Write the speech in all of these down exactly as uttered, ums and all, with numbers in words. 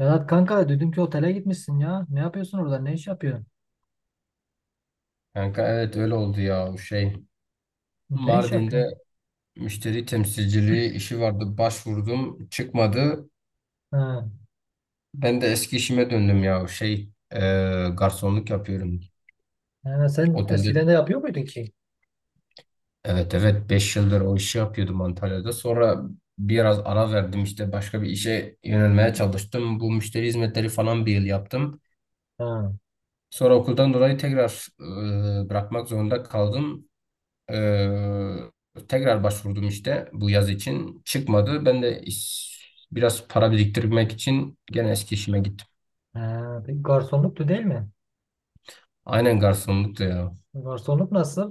Vedat kanka dünkü otele gitmişsin ya. Ne yapıyorsun orada? Ne iş yapıyorsun? Kanka, evet, öyle oldu ya, o şey. Ne iş Mardin'de yapıyorsun? müşteri temsilciliği işi vardı. Başvurdum, çıkmadı. Ha. Ben de eski işime döndüm ya, o şey. E, garsonluk yapıyorum. Yani sen eskiden Otelde, de yapıyor muydun ki? evet evet, beş yıldır o işi yapıyordum Antalya'da. Sonra biraz ara verdim, işte başka bir işe yönelmeye çalıştım. Bu müşteri hizmetleri falan bir yıl yaptım. Ha. Sonra okuldan dolayı tekrar e, bırakmak zorunda kaldım. Ee, tekrar başvurdum işte bu yaz için. Çıkmadı. Ben de iş- biraz para biriktirmek için gene eski işime gittim. Ha. Peki garsonluktu değil mi? Aynen, garsonluktu ya. Garsonluk nasıl?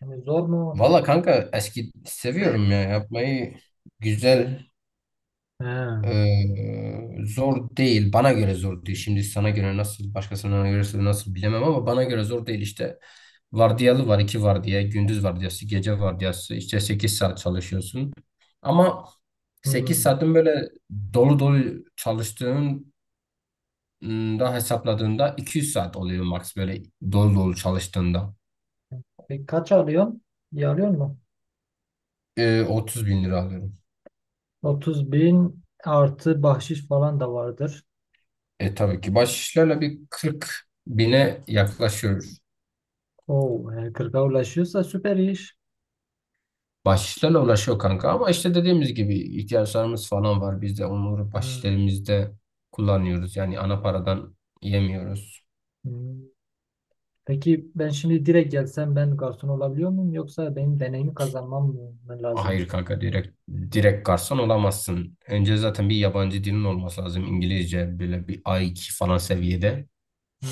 Yani zor mu? Valla kanka, eski seviyorum ya yapmayı, güzel. Ha. Ee, Zor değil. Bana göre zor değil. Şimdi sana göre nasıl, başkasına göre nasıl bilemem ama bana göre zor değil. İşte vardiyalı var, iki vardiya: gündüz vardiyası, gece vardiyası. İşte sekiz saat çalışıyorsun. Ama sekiz Hmm. saatin böyle dolu dolu çalıştığın ım, da hesapladığında iki yüz saat oluyor max, böyle dolu dolu çalıştığında. Peki kaç alıyorsun? İyi alıyor mu? Ee, otuz bin lira bin lira alıyorum. Otuz bin artı bahşiş falan da vardır. E tabii ki baş bir kırk bine yaklaşıyor. Oo, yani kırka ulaşıyorsa süper iş. Bahşişlerle uğraşıyor kanka ama işte dediğimiz gibi ihtiyaçlarımız falan var. Biz de onları Ha. bahşişlerimizde kullanıyoruz. Yani ana paradan yemiyoruz. Hmm. Peki ben şimdi direkt gelsem ben garson olabiliyor muyum, yoksa benim deneyimi kazanmam mı lazım? Hayır kanka, direkt direkt garson olamazsın. Önce zaten bir yabancı dilin olması lazım. İngilizce böyle bir a iki falan seviyede. Ha,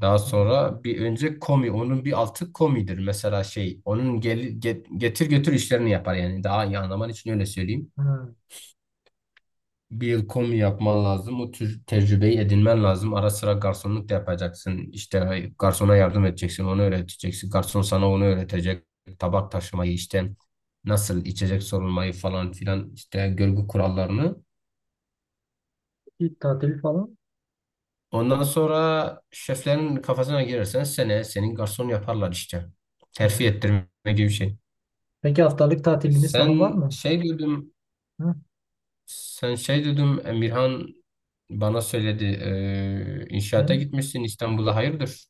Daha ilgili. sonra bir önce komi, onun bir altı komidir. Mesela şey onun gel, get- getir götür işlerini yapar yani. Daha iyi anlaman için öyle söyleyeyim. Ha, Bir yıl komi yapman lazım. O tür tecrübeyi edinmen lazım. Ara sıra garsonluk da yapacaksın. İşte garsona yardım edeceksin. Onu öğreteceksin. Garson sana onu öğretecek. Tabak taşımayı, işte nasıl içecek sorulmayı falan filan, işte görgü kurallarını. peki tatil falan. Ondan sonra şeflerin kafasına girersen seneye senin garson yaparlar işte. Terfi Ha. ettirme gibi bir şey. Peki haftalık tatiliniz falan var Sen mı? şey dedim, Hı? sen şey dedim, Emirhan bana söyledi. eee, inşaata Ben gitmişsin İstanbul'a, hayırdır?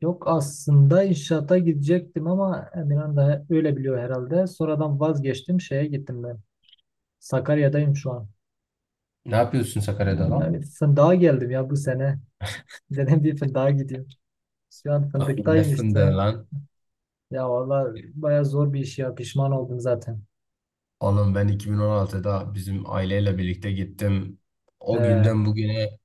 yok, aslında inşaata gidecektim ama Emirhan da öyle biliyor herhalde. Sonradan vazgeçtim, şeye gittim ben. Sakarya'dayım şu an. Ne yapıyorsun Sakarya'da Yani lan? fındığa geldim ya bu sene. Dedim bir fındığa gideyim. Şu an fındıktayım Nesin de işte. lan? Ya valla baya zor bir iş ya, pişman oldum zaten. Oğlum, ben iki bin on altıda bizim aileyle birlikte gittim. O He. günden bugüne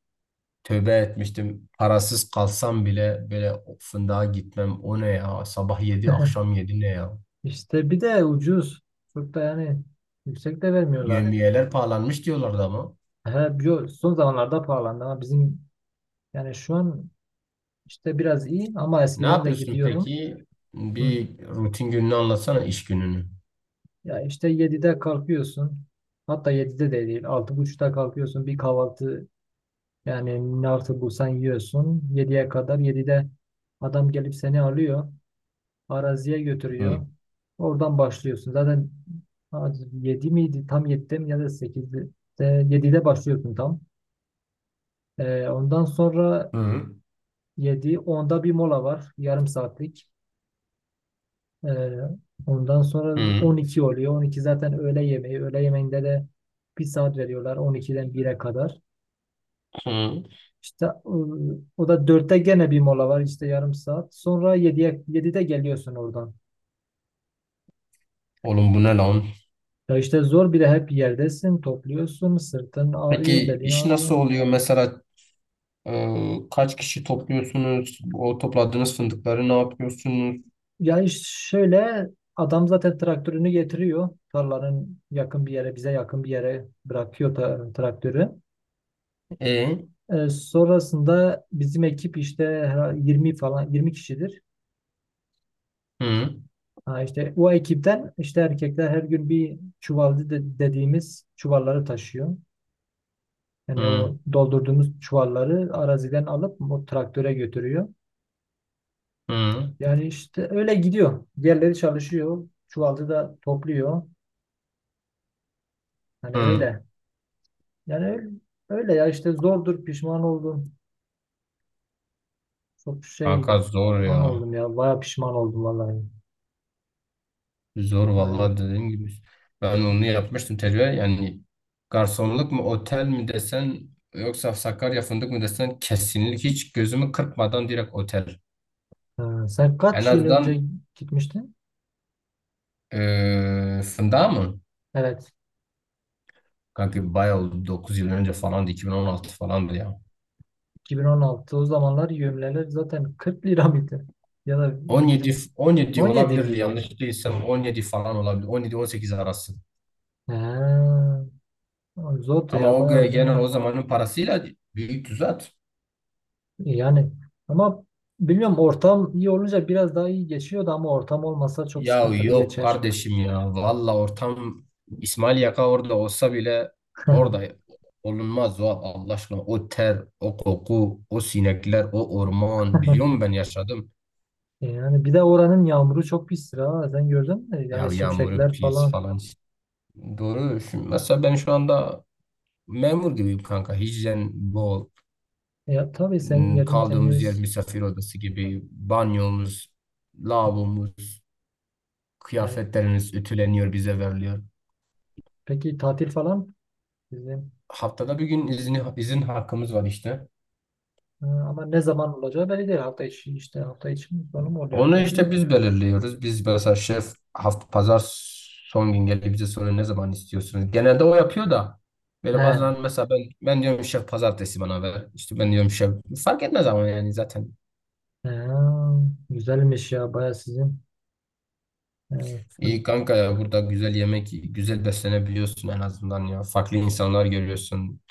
tövbe etmiştim. Parasız kalsam bile böyle, "O fındığa gitmem. O ne ya? Sabah yedi akşam yedi, ne ya?" İşte bir de ucuz. Çok da yani yüksek de vermiyorlar. Yevmiyeler pahalanmış diyorlardı ama. He, yo- son zamanlarda pahalandı ama bizim yani şu an işte biraz iyi ama Ne eskiden de yapıyorsun gidiyordum. peki? Hı. Bir rutin gününü anlatsana, iş gününü. Ya işte yedide kalkıyorsun. Hatta yedide de değil. Altı buçukta kalkıyorsun. Bir kahvaltı yani ne artık bulsan yiyorsun. Yediye kadar yedide adam gelip seni alıyor. Araziye Hı. götürüyor. Oradan başlıyorsun. Zaten yedi miydi? Tam yedide mi ya da sekizde? yedide başlıyorsun tam. Ee, ondan sonra Hı. yedi onda bir mola var. Yarım saatlik. Ee, ondan sonra Hı. on iki oluyor. on iki zaten öğle yemeği. Öğle yemeğinde de bir saat veriyorlar on ikiden bire kadar. Hı. İşte ıı, o da dörtte gene bir mola var işte yarım saat. Sonra yediye yedide geliyorsun oradan. Oğlum bu ne lan? Ya işte zor, bir de hep yerdesin, topluyorsun, sırtın ağrıyor, Peki belin iş ağrıyor. nasıl oluyor? Mesela, Ee, kaç kişi topluyorsunuz? O topladığınız fındıkları ne yapıyorsunuz? Ya iş şöyle, adam zaten traktörünü getiriyor. Tarlanın yakın bir yere, bize yakın bir yere bırakıyor ta- traktörü. E, Ee, sonrasında bizim ekip işte her- yirmi falan yirmi kişidir. hı, Ha işte o ekipten işte erkekler her gün bir çuval de- dediğimiz çuvalları taşıyor. Yani hı, o doldurduğumuz çuvalları araziden alıp o traktöre götürüyor. hı, Yani işte öyle gidiyor. Diğerleri çalışıyor. Çuvalcı da topluyor. Hani hı. öyle. Yani öyle, öyle ya işte zordur, pişman oldum. Çok şeydi. Kanka zor Pişman ya. oldum ya. Baya pişman oldum vallahi. Zor Baya. vallahi, dediğim gibi. Ben onu yapmıştım, tecrübe. Yani garsonluk mu, otel mi desen yoksa Sakarya fındık mı desen, kesinlikle hiç gözümü kırpmadan direkt otel. Ha, sen En kaç yıl önce azından, gitmiştin? eee fındığa mı? Evet. Kanka bayağı oldu. dokuz yıl önce falandı. iki bin on altı falandı ya. iki bin on altı. O zamanlar yemleler zaten kırk lira mıydı? Ya da 17 bir- 17 on yedi olabilir, miydi? yanlış değilsem on yedi falan olabilir. on yedi on sekiz arası. Ha, zordu Ama ya o ge- bayağı. Zor. genel o zamanın parasıyla büyük düzelt. E, yani ama bilmiyorum, ortam iyi olunca biraz daha iyi geçiyordu ama ortam olmasa çok Ya sıkıntılı yok geçer. kardeşim ya. Valla ortam, İsmail Yaka orada olsa bile orada olunmaz o, Allah aşkına. O ter, o koku, o sinekler, o orman. Biliyor musun, ben yaşadım. Yani bir de oranın yağmuru çok pis ha. Sen gördün mü? Ya Yani yağmuru şimşekler pis falan. falan. Doğru. Şimdi mesela ben şu anda memur gibiyim kanka. Hijyen bol. Ya tabii senin Hmm. yerin Kaldığımız yer temiz. misafir odası gibi. Banyomuz, lavabomuz, E, kıyafetlerimiz ütüleniyor, bize veriliyor. peki tatil falan? Haftada bir gün izni, izin hakkımız var işte. Ha, ama ne zaman olacağı belli değil. Hafta içi işte hafta içi mi sonu mu oluyor Onu belli mi? işte biz belirliyoruz. Biz mesela şef hafta pazar son gün gelip bize soruyor ne zaman istiyorsunuz. Genelde o yapıyor da He. böyle bazen mesela ben ben diyorum şef pazartesi bana ver. İşte ben diyorum şef fark etmez, ama yani zaten. He, güzelmiş ya baya sizin. Evet. Hı, İyi kanka ya, burada güzel yemek, güzel beslenebiliyorsun en azından ya. Farklı insanlar görüyorsun.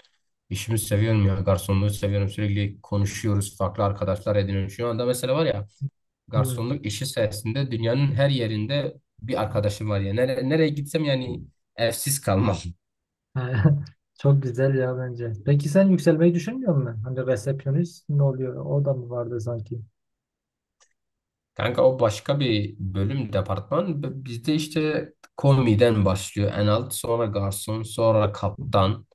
İşimi seviyorum ya. Garsonluğu seviyorum. Sürekli konuşuyoruz. Farklı arkadaşlar ediniyorum. Şu anda mesela var ya, hı. garsonluk işi sayesinde dünyanın her yerinde bir arkadaşım var ya. Nere, nereye gitsem yani evsiz kalmam. He, çok güzel ya bence. Peki sen yükselmeyi düşünmüyor musun? Hani resepsiyonist ne oluyor? O da mı vardı sanki? Kanka o başka bir bölüm, departman. B- Bizde işte komiden başlıyor en alt. Sonra garson, sonra kaptan.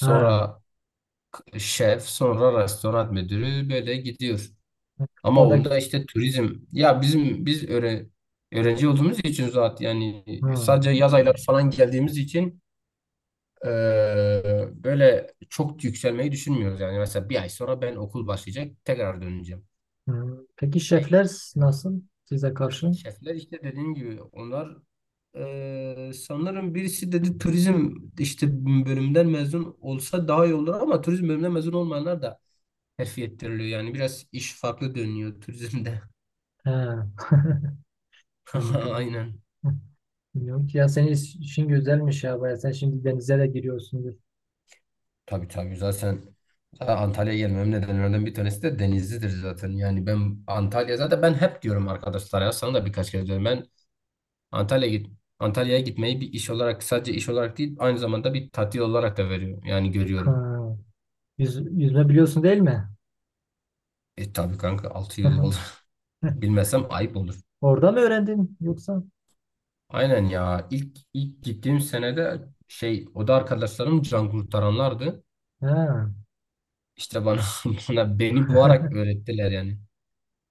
Ha. şef, sonra restoran müdürü, böyle gidiyor. Ama Orada onda işte turizm ya, bizim biz öğre- öğrenci olduğumuz için zaten yani hı, sadece yaz ayları falan geldiğimiz için eee, böyle çok yükselmeyi düşünmüyoruz. Yani mesela bir ay sonra ben okul başlayacak, tekrar döneceğim. hı. Peki Şey, şefler e, nasıl size karşı? Şefler işte dediğim gibi onlar, eee, sanırım birisi dedi turizm işte bölümden mezun olsa daha iyi olur ama turizm bölümünden mezun olmayanlar da terfi ettiriliyor. Yani biraz iş farklı dönüyor turizmde. He. Yani bilmiyorum. Aynen. Bilmiyorum ki ya, senin işin güzelmiş ya baya. Sen şimdi denize de giriyorsundur. Tabii tabii, zaten zaten Antalya'ya gelmemin nedenlerden bir tanesi de Denizli'dir zaten. Yani ben Antalya, zaten ben hep diyorum arkadaşlar ya, sana da birkaç kere diyorum. Ben Antalya'ya git Antalya'ya gitmeyi bir iş olarak, sadece iş olarak değil aynı zamanda bir tatil olarak da veriyorum. Yani görüyorum. Ha. Yüz, yüzme biliyorsun değil mi? E tabii kanka, altı yıl oldu. Bilmesem ayıp olur. Orada mı öğrendin yoksa? Aynen ya. İlk ilk gittiğim senede şey, o da arkadaşlarım can kurtaranlardı. Ha. İşte bana bana beni boğarak öğrettiler yani.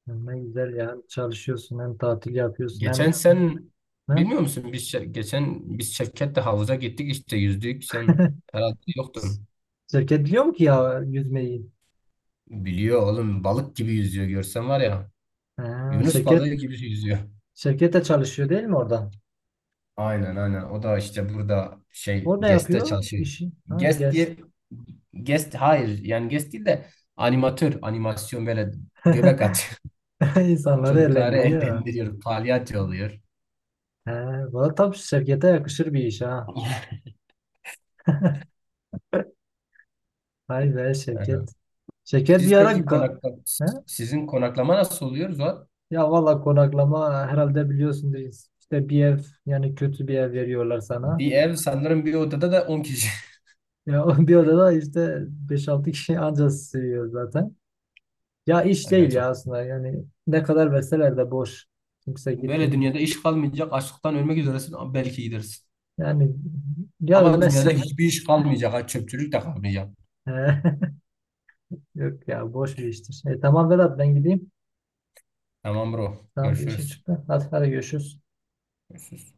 Ne güzel ya. Çalışıyorsun hem tatil yapıyorsun hem Geçen sen ha? bilmiyor musun, biz Şe- geçen biz Şevket'le havuza gittik işte, yüzdük, sen herhalde yoktun. Şirket biliyor mu ki ya yüzmeyi? Biliyor oğlum, balık gibi yüzüyor, görsen var ya. Ha, Yunus balığı şirket gibi yüzüyor. şirkette çalışıyor değil mi orada? Aynen aynen, o da işte burada şey O ne G E S'te yapıyor? çalışıyor. İşi. Ha, GES gez. diye, GES hayır yani G E S değil de animatör, animasyon, böyle göbek atıyor. İnsanları Çocukları eğlendiriyor. eğlendiriyor, palyaço oluyor. He, valla tam şirkete yakışır bir iş ha. Vay be şirket. Şirket Siz bir ara peki ga- konakla he? Sizin konaklama nasıl oluyor Zuhat? Ya valla konaklama herhalde biliyorsunuz işte bir ev, yani kötü bir ev veriyorlar sana. Bir ev sanırım, bir odada da on kişi. Ya o bir odada işte beş altı kişi ancak sığıyor zaten. Ya iş değil Aga çok. ya aslında, yani ne kadar verseler de boş. Kimse Böyle gitmiyor. dünyada iş kalmayacak. Açlıktan ölmek üzeresin ama belki gidersin. Yani ya Ama dünyada ölmezsin. hiçbir iş kalmayacak. Ha, çöpçülük de kalmayacak. He. Yok ya boş bir iştir. E, tamam Vedat ben gideyim. Tamam bro. Tamam bir işim Görüşürüz. çıktı. Hadi hadi görüşürüz. Görüşürüz.